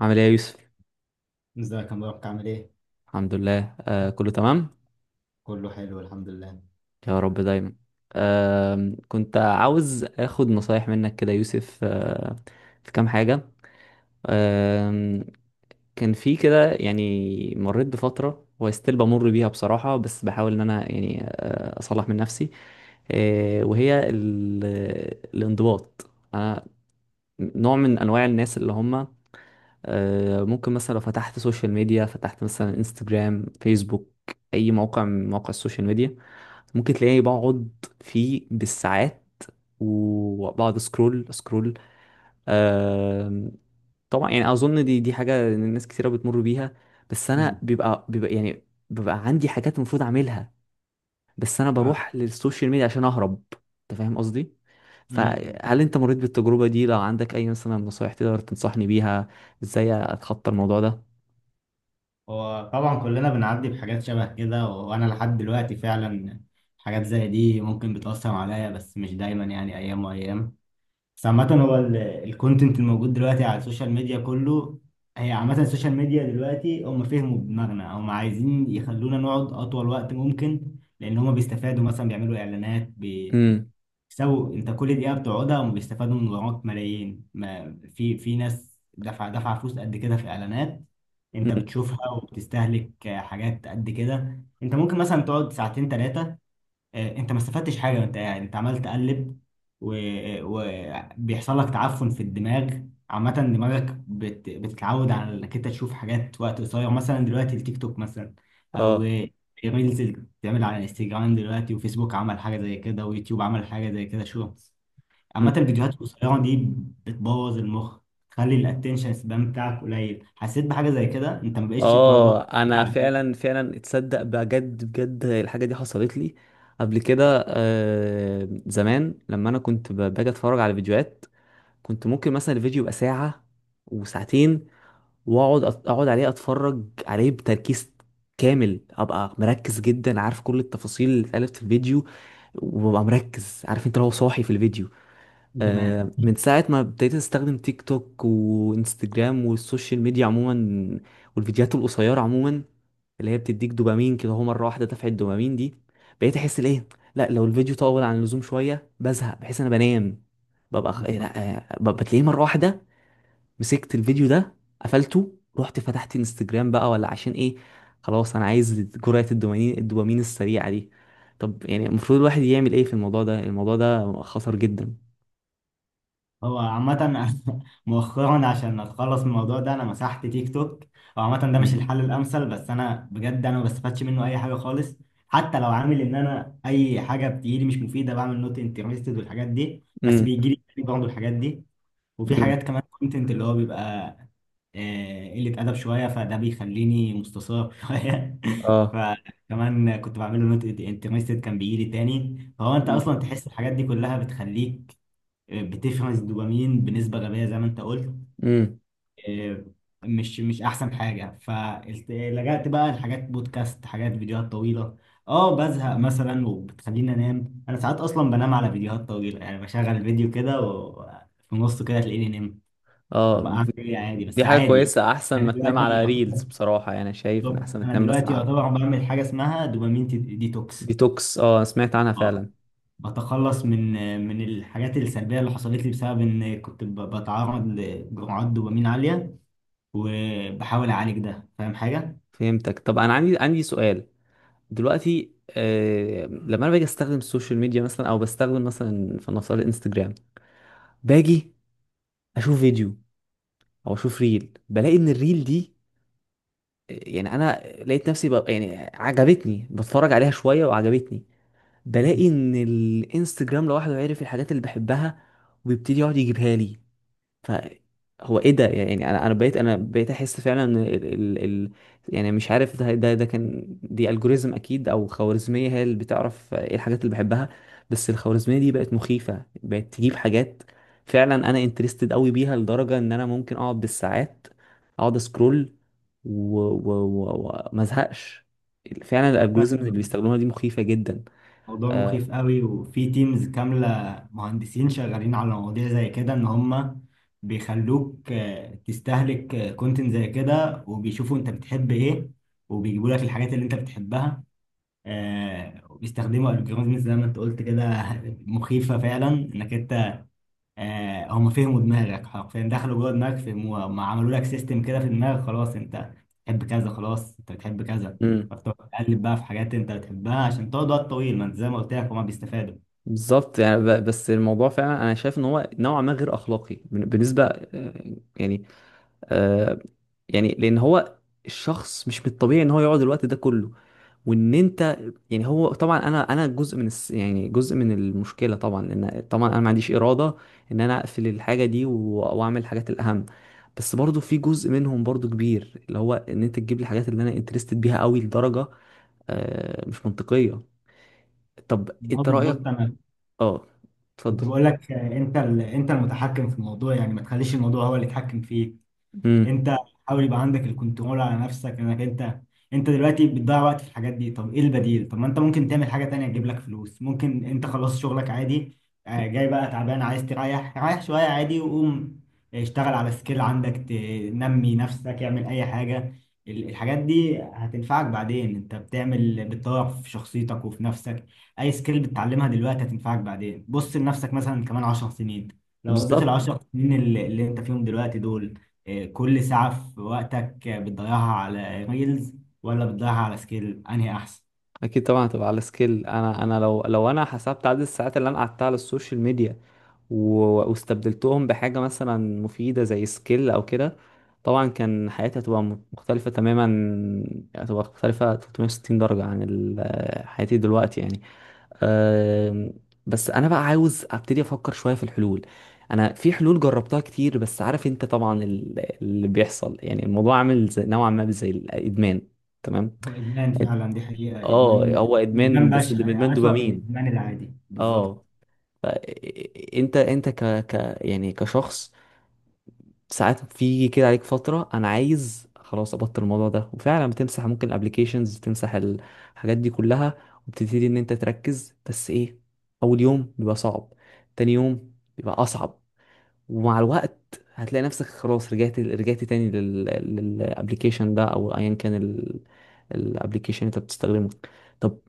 عامل ايه يا يوسف؟ ازيك يا مبارك عامل ايه؟ الحمد لله، كله تمام. كله حلو الحمد لله. يا رب دايما. كنت عاوز اخد نصايح منك كده يا يوسف. في كام حاجة. آه كان في كده مريت بفترة وستيل بمر بيها بصراحة، بس بحاول ان انا اصلح من نفسي. آه وهي ال- الانضباط. نوع من انواع الناس اللي هم، ممكن مثلا لو فتحت سوشيال ميديا، فتحت مثلا انستجرام، فيسبوك، اي موقع من مواقع السوشيال ميديا، ممكن تلاقيني بقعد فيه بالساعات، وبقعد سكرول. آم، طبعا يعني اظن دي حاجه إن الناس كتيره بتمر بيها. بس انا مم. بيبقى يعني بيبقى عندي حاجات المفروض اعملها، بس انا آه. بروح للسوشيال ميديا عشان اهرب. انت فاهم قصدي؟ مم. فهل انت مريت بالتجربة دي؟ لو عندك اي مثلا نصايح تقدر تنصحني بيها ازاي اتخطى الموضوع ده. هو طبعا كلنا بنعدي بحاجات شبه كده وانا لحد دلوقتي فعلا حاجات زي دي ممكن بتأثر عليا بس مش دايما يعني ايام وايام. بس عامة هو الكونتنت الموجود دلوقتي على السوشيال ميديا كله. هي عامة السوشيال ميديا دلوقتي هم فهموا دماغنا، هم عايزين يخلونا نقعد اطول وقت ممكن، لان هم بيستفادوا، مثلا بيعملوا اعلانات. امم. سو انت كل دقيقه بتقعدها هم بيستفادوا من وراك ملايين، ما في ناس دفع فلوس قد كده في اعلانات انت بتشوفها وبتستهلك حاجات قد كده. انت ممكن مثلا تقعد ساعتين ثلاثه، انت ما استفدتش حاجه وانت قاعد، انت عمال تقلب وبيحصل لك تعفن في الدماغ. عامه دماغك بتتعود على انك انت تشوف حاجات وقت قصير، مثلا دلوقتي التيك توك مثلا، او اه. ريلز اللي بتتعمل على انستجرام دلوقتي، وفيسبوك عمل حاجه زي كده، ويوتيوب عمل حاجه زي كده، شورتس. مم. عامه الفيديوهات القصيره دي بتبوظ المخ، تخلي الاتنشن سبان بتاعك قليل. حسيت بحاجه زي كده؟ انت ما بقتش تقعد وقت اه كبير انا على حاجه فعلا فعلا اتصدق بجد بجد الحاجة دي حصلت لي قبل كده. زمان لما انا كنت باجي اتفرج على فيديوهات، كنت ممكن مثلا الفيديو يبقى ساعة وساعتين، واقعد عليه اتفرج عليه بتركيز كامل، ابقى مركز جدا عارف كل التفاصيل اللي اتقالت في الفيديو، وببقى مركز عارف انت لو صاحي في الفيديو. زمان. من ساعة ما ابتديت استخدم تيك توك وانستجرام والسوشيال ميديا عموما، والفيديوهات القصيرة عموما، اللي هي بتديك دوبامين كده، هو مرة واحدة دفعة الدوبامين دي، بقيت احس الايه، لا لو الفيديو طول عن اللزوم شوية بزهق، بحس انا بنام، ببقى خ- إيه، لا آه، ببقى تلاقيه مرة واحدة مسكت الفيديو ده قفلته، رحت فتحت انستجرام بقى، ولا عشان ايه؟ خلاص انا عايز جرعة الدوبامين السريعة دي. طب يعني المفروض الواحد يعمل ايه في الموضوع ده؟ الموضوع ده خطر جدا. هو عامة مؤخرا عشان اتخلص من الموضوع ده انا مسحت تيك توك. هو عامة ده مش امم. الحل الامثل، بس انا بجد انا ما بستفادش منه اي حاجة خالص. حتى لو عامل ان انا اي حاجة بتجيلي مش مفيدة بعمل نوت انترستد والحاجات دي، بس امم. بيجيلي برضه الحاجات دي. وفي امم. حاجات كمان، كونتنت اللي هو بيبقى قلة ادب شوية، فده بيخليني مستثار شوية. اه. فكمان كنت بعمله نوت انترستد كان بيجيلي تاني. فهو انت امم. اصلا تحس الحاجات دي كلها بتخليك بتفرز الدوبامين بنسبة غبية زي ما انت قلت. امم. آه، مش احسن حاجة، فلجأت بقى لحاجات بودكاست، حاجات فيديوهات طويلة. اه بزهق مثلا وبتخليني انام. انا ساعات اصلا بنام على فيديوهات طويلة، يعني بشغل فيديو كده وفي نصه كده تلاقيني نمت. طب اه اعمل ايه؟ عادي، بس دي حاجة عادي. كويسة، احسن انا ما تنام دلوقتي على ريلز يعتبر بصراحة. يعني شايف ان بالظبط. احسن ما انا تنام مثلا دلوقتي على يعتبر بعمل حاجة اسمها دوبامين ديتوكس. ديتوكس. اه سمعت عنها آه. فعلا. بتخلص من من الحاجات السلبية اللي حصلت لي بسبب إن كنت بتعرض لجرعات دوبامين عالية، وبحاول أعالج ده. فاهم حاجة؟ فهمتك. طب انا عندي سؤال دلوقتي. لما انا باجي استخدم السوشيال ميديا، مثلا او بستخدم مثلا فلنفترض انستجرام، باجي اشوف فيديو او اشوف ريل، بلاقي ان الريل دي، يعني انا لقيت نفسي بقى يعني عجبتني، بتفرج عليها شويه وعجبتني، مم. بلاقي ان الانستجرام لوحده عرف الحاجات اللي بحبها، وبيبتدي يقعد يجيبها لي. فهو ايه ده؟ يعني انا بقيت بقيت احس فعلا ان ال يعني مش عارف، ده كان دي الجوريزم اكيد، او خوارزميه هي اللي بتعرف ايه الحاجات اللي بحبها. بس الخوارزميه دي بقت مخيفه، بقت تجيب حاجات فعلا انا انترستد قوي بيها لدرجه ان انا ممكن اقعد بالساعات اقعد اسكرول وما ازهقش. فعلا هو الالجوريزم اللي فعلا بيستخدموها دي مخيفه جدا. موضوع مخيف قوي، وفي تيمز كاملة مهندسين شغالين على مواضيع زي كده. إن هما بيخلوك تستهلك كونتنت زي كده، وبيشوفوا أنت بتحب إيه وبيجيبوا لك الحاجات اللي أنت بتحبها. وبيستخدموا الجوريزمز زي ما أنت قلت كده. مخيفة فعلا إنك، هم فهموا دماغك حرفيا، دخلوا جوه دماغك فهموها. هم عملوا لك سيستم كده في دماغك، خلاص انت بتحب كذا، خلاص انت بتحب كذا، فبتقعد تقلب بقى في حاجات انت بتحبها عشان تقعد وقت طويل. ما انت زي ما قلت لك هما بيستفادوا. بالظبط. يعني بس الموضوع فعلا انا شايف ان هو نوعا ما غير اخلاقي بالنسبه، آه، يعني لان هو الشخص مش من الطبيعي ان هو يقعد الوقت ده كله، وان انت، يعني هو طبعا انا جزء من يعني جزء من المشكله طبعا، ان طبعا انا ما عنديش اراده ان انا اقفل الحاجه دي واعمل الحاجات الاهم. بس برضو في جزء منهم برضو كبير، اللي هو ان انت تجيب لي الحاجات اللي انا انترستد بيها قوي لدرجه مش منطقيه. طب اه انت رايك؟ بالظبط. انا اه. كنت اتفضل. بقول لك انت المتحكم في الموضوع، يعني ما تخليش الموضوع هو اللي يتحكم فيك. امم. انت حاول يبقى عندك الكنترول على نفسك. انك انت، انت دلوقتي بتضيع وقت في الحاجات دي. طب ايه البديل؟ طب ما انت ممكن تعمل حاجة تانية تجيب لك فلوس. ممكن انت خلاص شغلك عادي، جاي بقى تعبان عايز تريح، ريح شوية عادي، وقوم اشتغل على سكيل عندك، تنمي نفسك، اعمل اي حاجة. الحاجات دي هتنفعك بعدين. انت بتعمل بتطور في شخصيتك وفي نفسك. اي سكيل بتتعلمها دلوقتي هتنفعك بعدين. بص لنفسك مثلا كمان 10 سنين، لو قضيت ال بالظبط. 10 سنين اللي انت فيهم دلوقتي دول، كل ساعة في وقتك بتضيعها على ريلز ولا بتضيعها على سكيل، أنهي أحسن؟ اكيد طبعا هتبقى على سكيل. انا انا لو انا حسبت عدد الساعات اللي انا قعدتها على السوشيال ميديا واستبدلتهم بحاجه مثلا مفيده زي سكيل او كده، طبعا كان حياتي هتبقى مختلفه تماما، هتبقى مختلفه 360 درجه عن حياتي دلوقتي يعني. أم، بس انا بقى عاوز ابتدي افكر شويه في الحلول. انا في حلول جربتها كتير، بس عارف انت طبعا اللي بيحصل، يعني الموضوع عامل نوعا ما زي الادمان. تمام. هو إدمان فعلا، دي حقيقة اه هو إدمان، ادمان، وإدمان بس بشع ده ادمان يعني أسوأ من دوبامين. الإدمان العادي بالظبط. اه. ف- انت انت ك ك يعني كشخص، ساعات في كده عليك فتره انا عايز خلاص ابطل الموضوع ده، وفعلا بتمسح، ممكن الابليكيشنز تمسح الحاجات دي كلها، وبتبتدي ان انت تركز، بس ايه، اول يوم بيبقى صعب، تاني يوم بيبقى اصعب، ومع الوقت هتلاقي نفسك خلاص رجعت تاني للابليكيشن ده او ايا كان الابليكيشن انت بتستخدمه. طب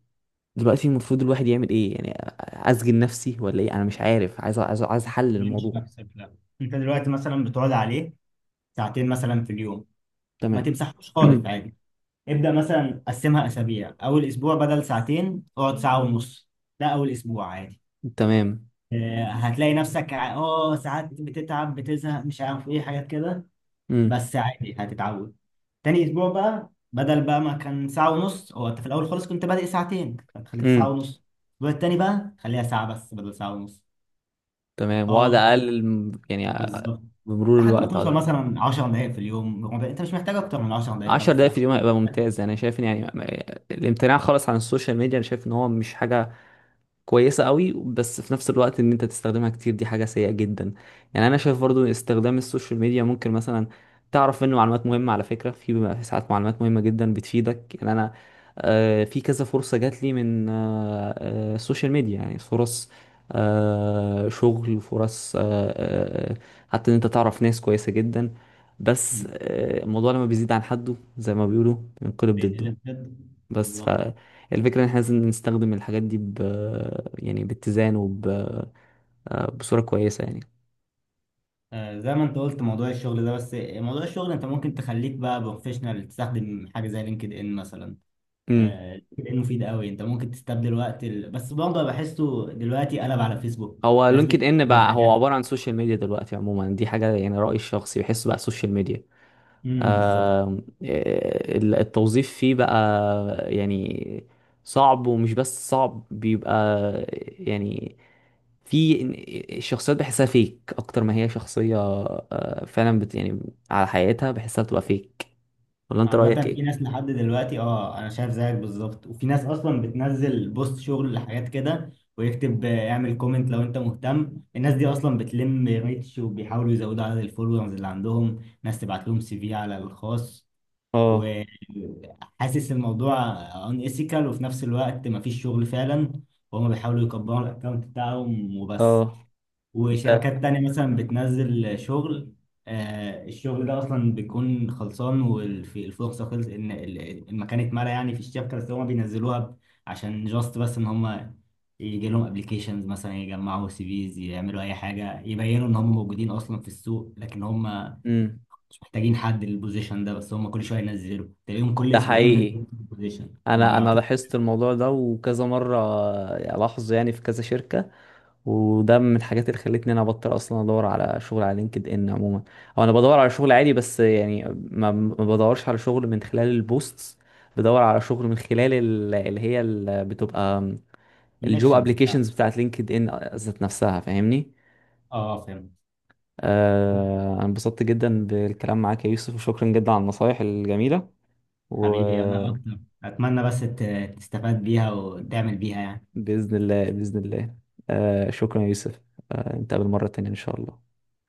دلوقتي المفروض الواحد يعمل ايه يعني؟ اسجن نفسي ولا ايه؟ انا مش عارف، عايز حل بيمشي للموضوع. نفسك، لا. أنت دلوقتي مثلا بتقعد عليه ساعتين مثلا في اليوم، ما تمام. تمسحوش خالص عادي. ابدأ مثلا قسمها أسابيع، أول أسبوع بدل ساعتين اقعد ساعة ونص. ده أول أسبوع عادي. تمام. هتلاقي نفسك ساعات بتتعب بتزهق مش عارف ايه، حاجات كده، امم. بس عادي هتتعود. تاني اسبوع بقى بدل بقى ما كان ساعة ونص، هو انت في الاول خالص كنت بادئ ساعتين فانت خليتها ساعة امم. ونص، الاسبوع التاني بقى خليها ساعة بس بدل ساعة ونص. تمام، واقعد اه اقلل بالظبط. بمرور لحد ما الوقت على توصل ده. مثلا 10 دقايق في اليوم، ربع. انت مش محتاج اكتر من 10 دقايق، 10 ربع دقايق في ساعة. اليوم هيبقى ممتاز. انا شايف ان يعني الامتناع خالص عن السوشيال ميديا، انا شايف ان هو مش حاجه كويسة قوي، بس في نفس الوقت ان انت تستخدمها كتير دي حاجة سيئة جدا. يعني انا شايف برضو استخدام السوشيال ميديا ممكن مثلا تعرف منه معلومات مهمة على فكرة، في بيبقى في ساعات معلومات مهمة جدا بتفيدك. يعني انا، في كذا فرصة جات لي من السوشيال ميديا، يعني فرص شغل، فرص، حتى ان انت تعرف ناس كويسة جدا. بس مم. الموضوع لما بيزيد عن حده زي ما بيقولوا بينقلب ضده. بينقلب جد بس بالظبط. فالفكرة ان احنا لازم نستخدم الحاجات دي ب، يعني باتزان وب آه، بصورة كويسة يعني. آه زي ما انت قلت موضوع الشغل ده، بس موضوع الشغل انت ممكن تخليك بقى بروفيشنال تستخدم حاجه زي لينكد ان مثلا. امم. لينكد ان مفيد قوي، انت ممكن تستبدل وقت ال... بس برضه بحسه دلوقتي قلب على فيسبوك. هو ناس لينكد ان بتنزل بقى هو حاجات. عبارة عن سوشيال ميديا دلوقتي عموما، دي حاجة يعني رأيي الشخصي بحسه بقى سوشيال ميديا. بالظبط. التوظيف فيه بقى يعني صعب، ومش بس صعب، بيبقى يعني في الشخصيات بحسها فيك اكتر ما هي شخصية فعلا يعني على حقيقتها، بحسها بتبقى فيك. ولا انت رأيك عامة في ايه؟ ناس لحد دلوقتي اه انا شايف زيك بالظبط، وفي ناس اصلا بتنزل بوست شغل لحاجات كده، ويكتب اعمل كومنت لو انت مهتم. الناس دي اصلا بتلم ريتش وبيحاولوا يزودوا عدد الفولورز اللي عندهم. ناس تبعت لهم سي في على الخاص، اه. وحاسس الموضوع ان ايثيكال، وفي نفس الوقت مفيش شغل فعلا، وهم بيحاولوا يكبروا الاكونت بتاعهم وبس. اه. ده. وشركات تانية مثلا بتنزل شغل، الشغل ده اصلا بيكون خلصان والفرصة خلص ان المكان اتملى يعني في الشركة، بس هم بينزلوها عشان جاست بس ان هم يجي لهم ابلكيشنز، مثلا يجمعوا سي فيز، يعملوا اي حاجة يبينوا ان هم موجودين اصلا في السوق، لكن هم امم. محتاجين حد للبوزيشن ده. بس هم كل شويه ينزلوا تلاقيهم كل ده اسبوعين حقيقي. منزلين البوزيشن وما انا انا بيبعتوش. لاحظت الموضوع ده وكذا مره الاحظه، يعني في كذا شركه. وده من الحاجات اللي خلتني انا ابطل اصلا ادور على شغل على لينكد ان عموما. او انا بدور على شغل عادي، بس يعني ما بدورش على شغل من خلال البوستس، بدور على شغل من خلال بتبقى الجوب الكونكشنز بتاعتك، ابليكيشنز بتاعت لينكد ان ذات نفسها، فاهمني. اه فهمت. آه انا انبسطت جدا بالكلام معاك يا يوسف، وشكرا جدا على النصايح الجميله. و، حبيبي انا اكتر، اتمنى بس تستفاد بيها وتعمل بيها يعني. بإذن الله، بإذن الله. شكرا يا يوسف. نتقابل مرة تانية إن شاء الله.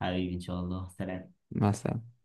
حبيبي ان شاء الله، سلام. مع السلامة.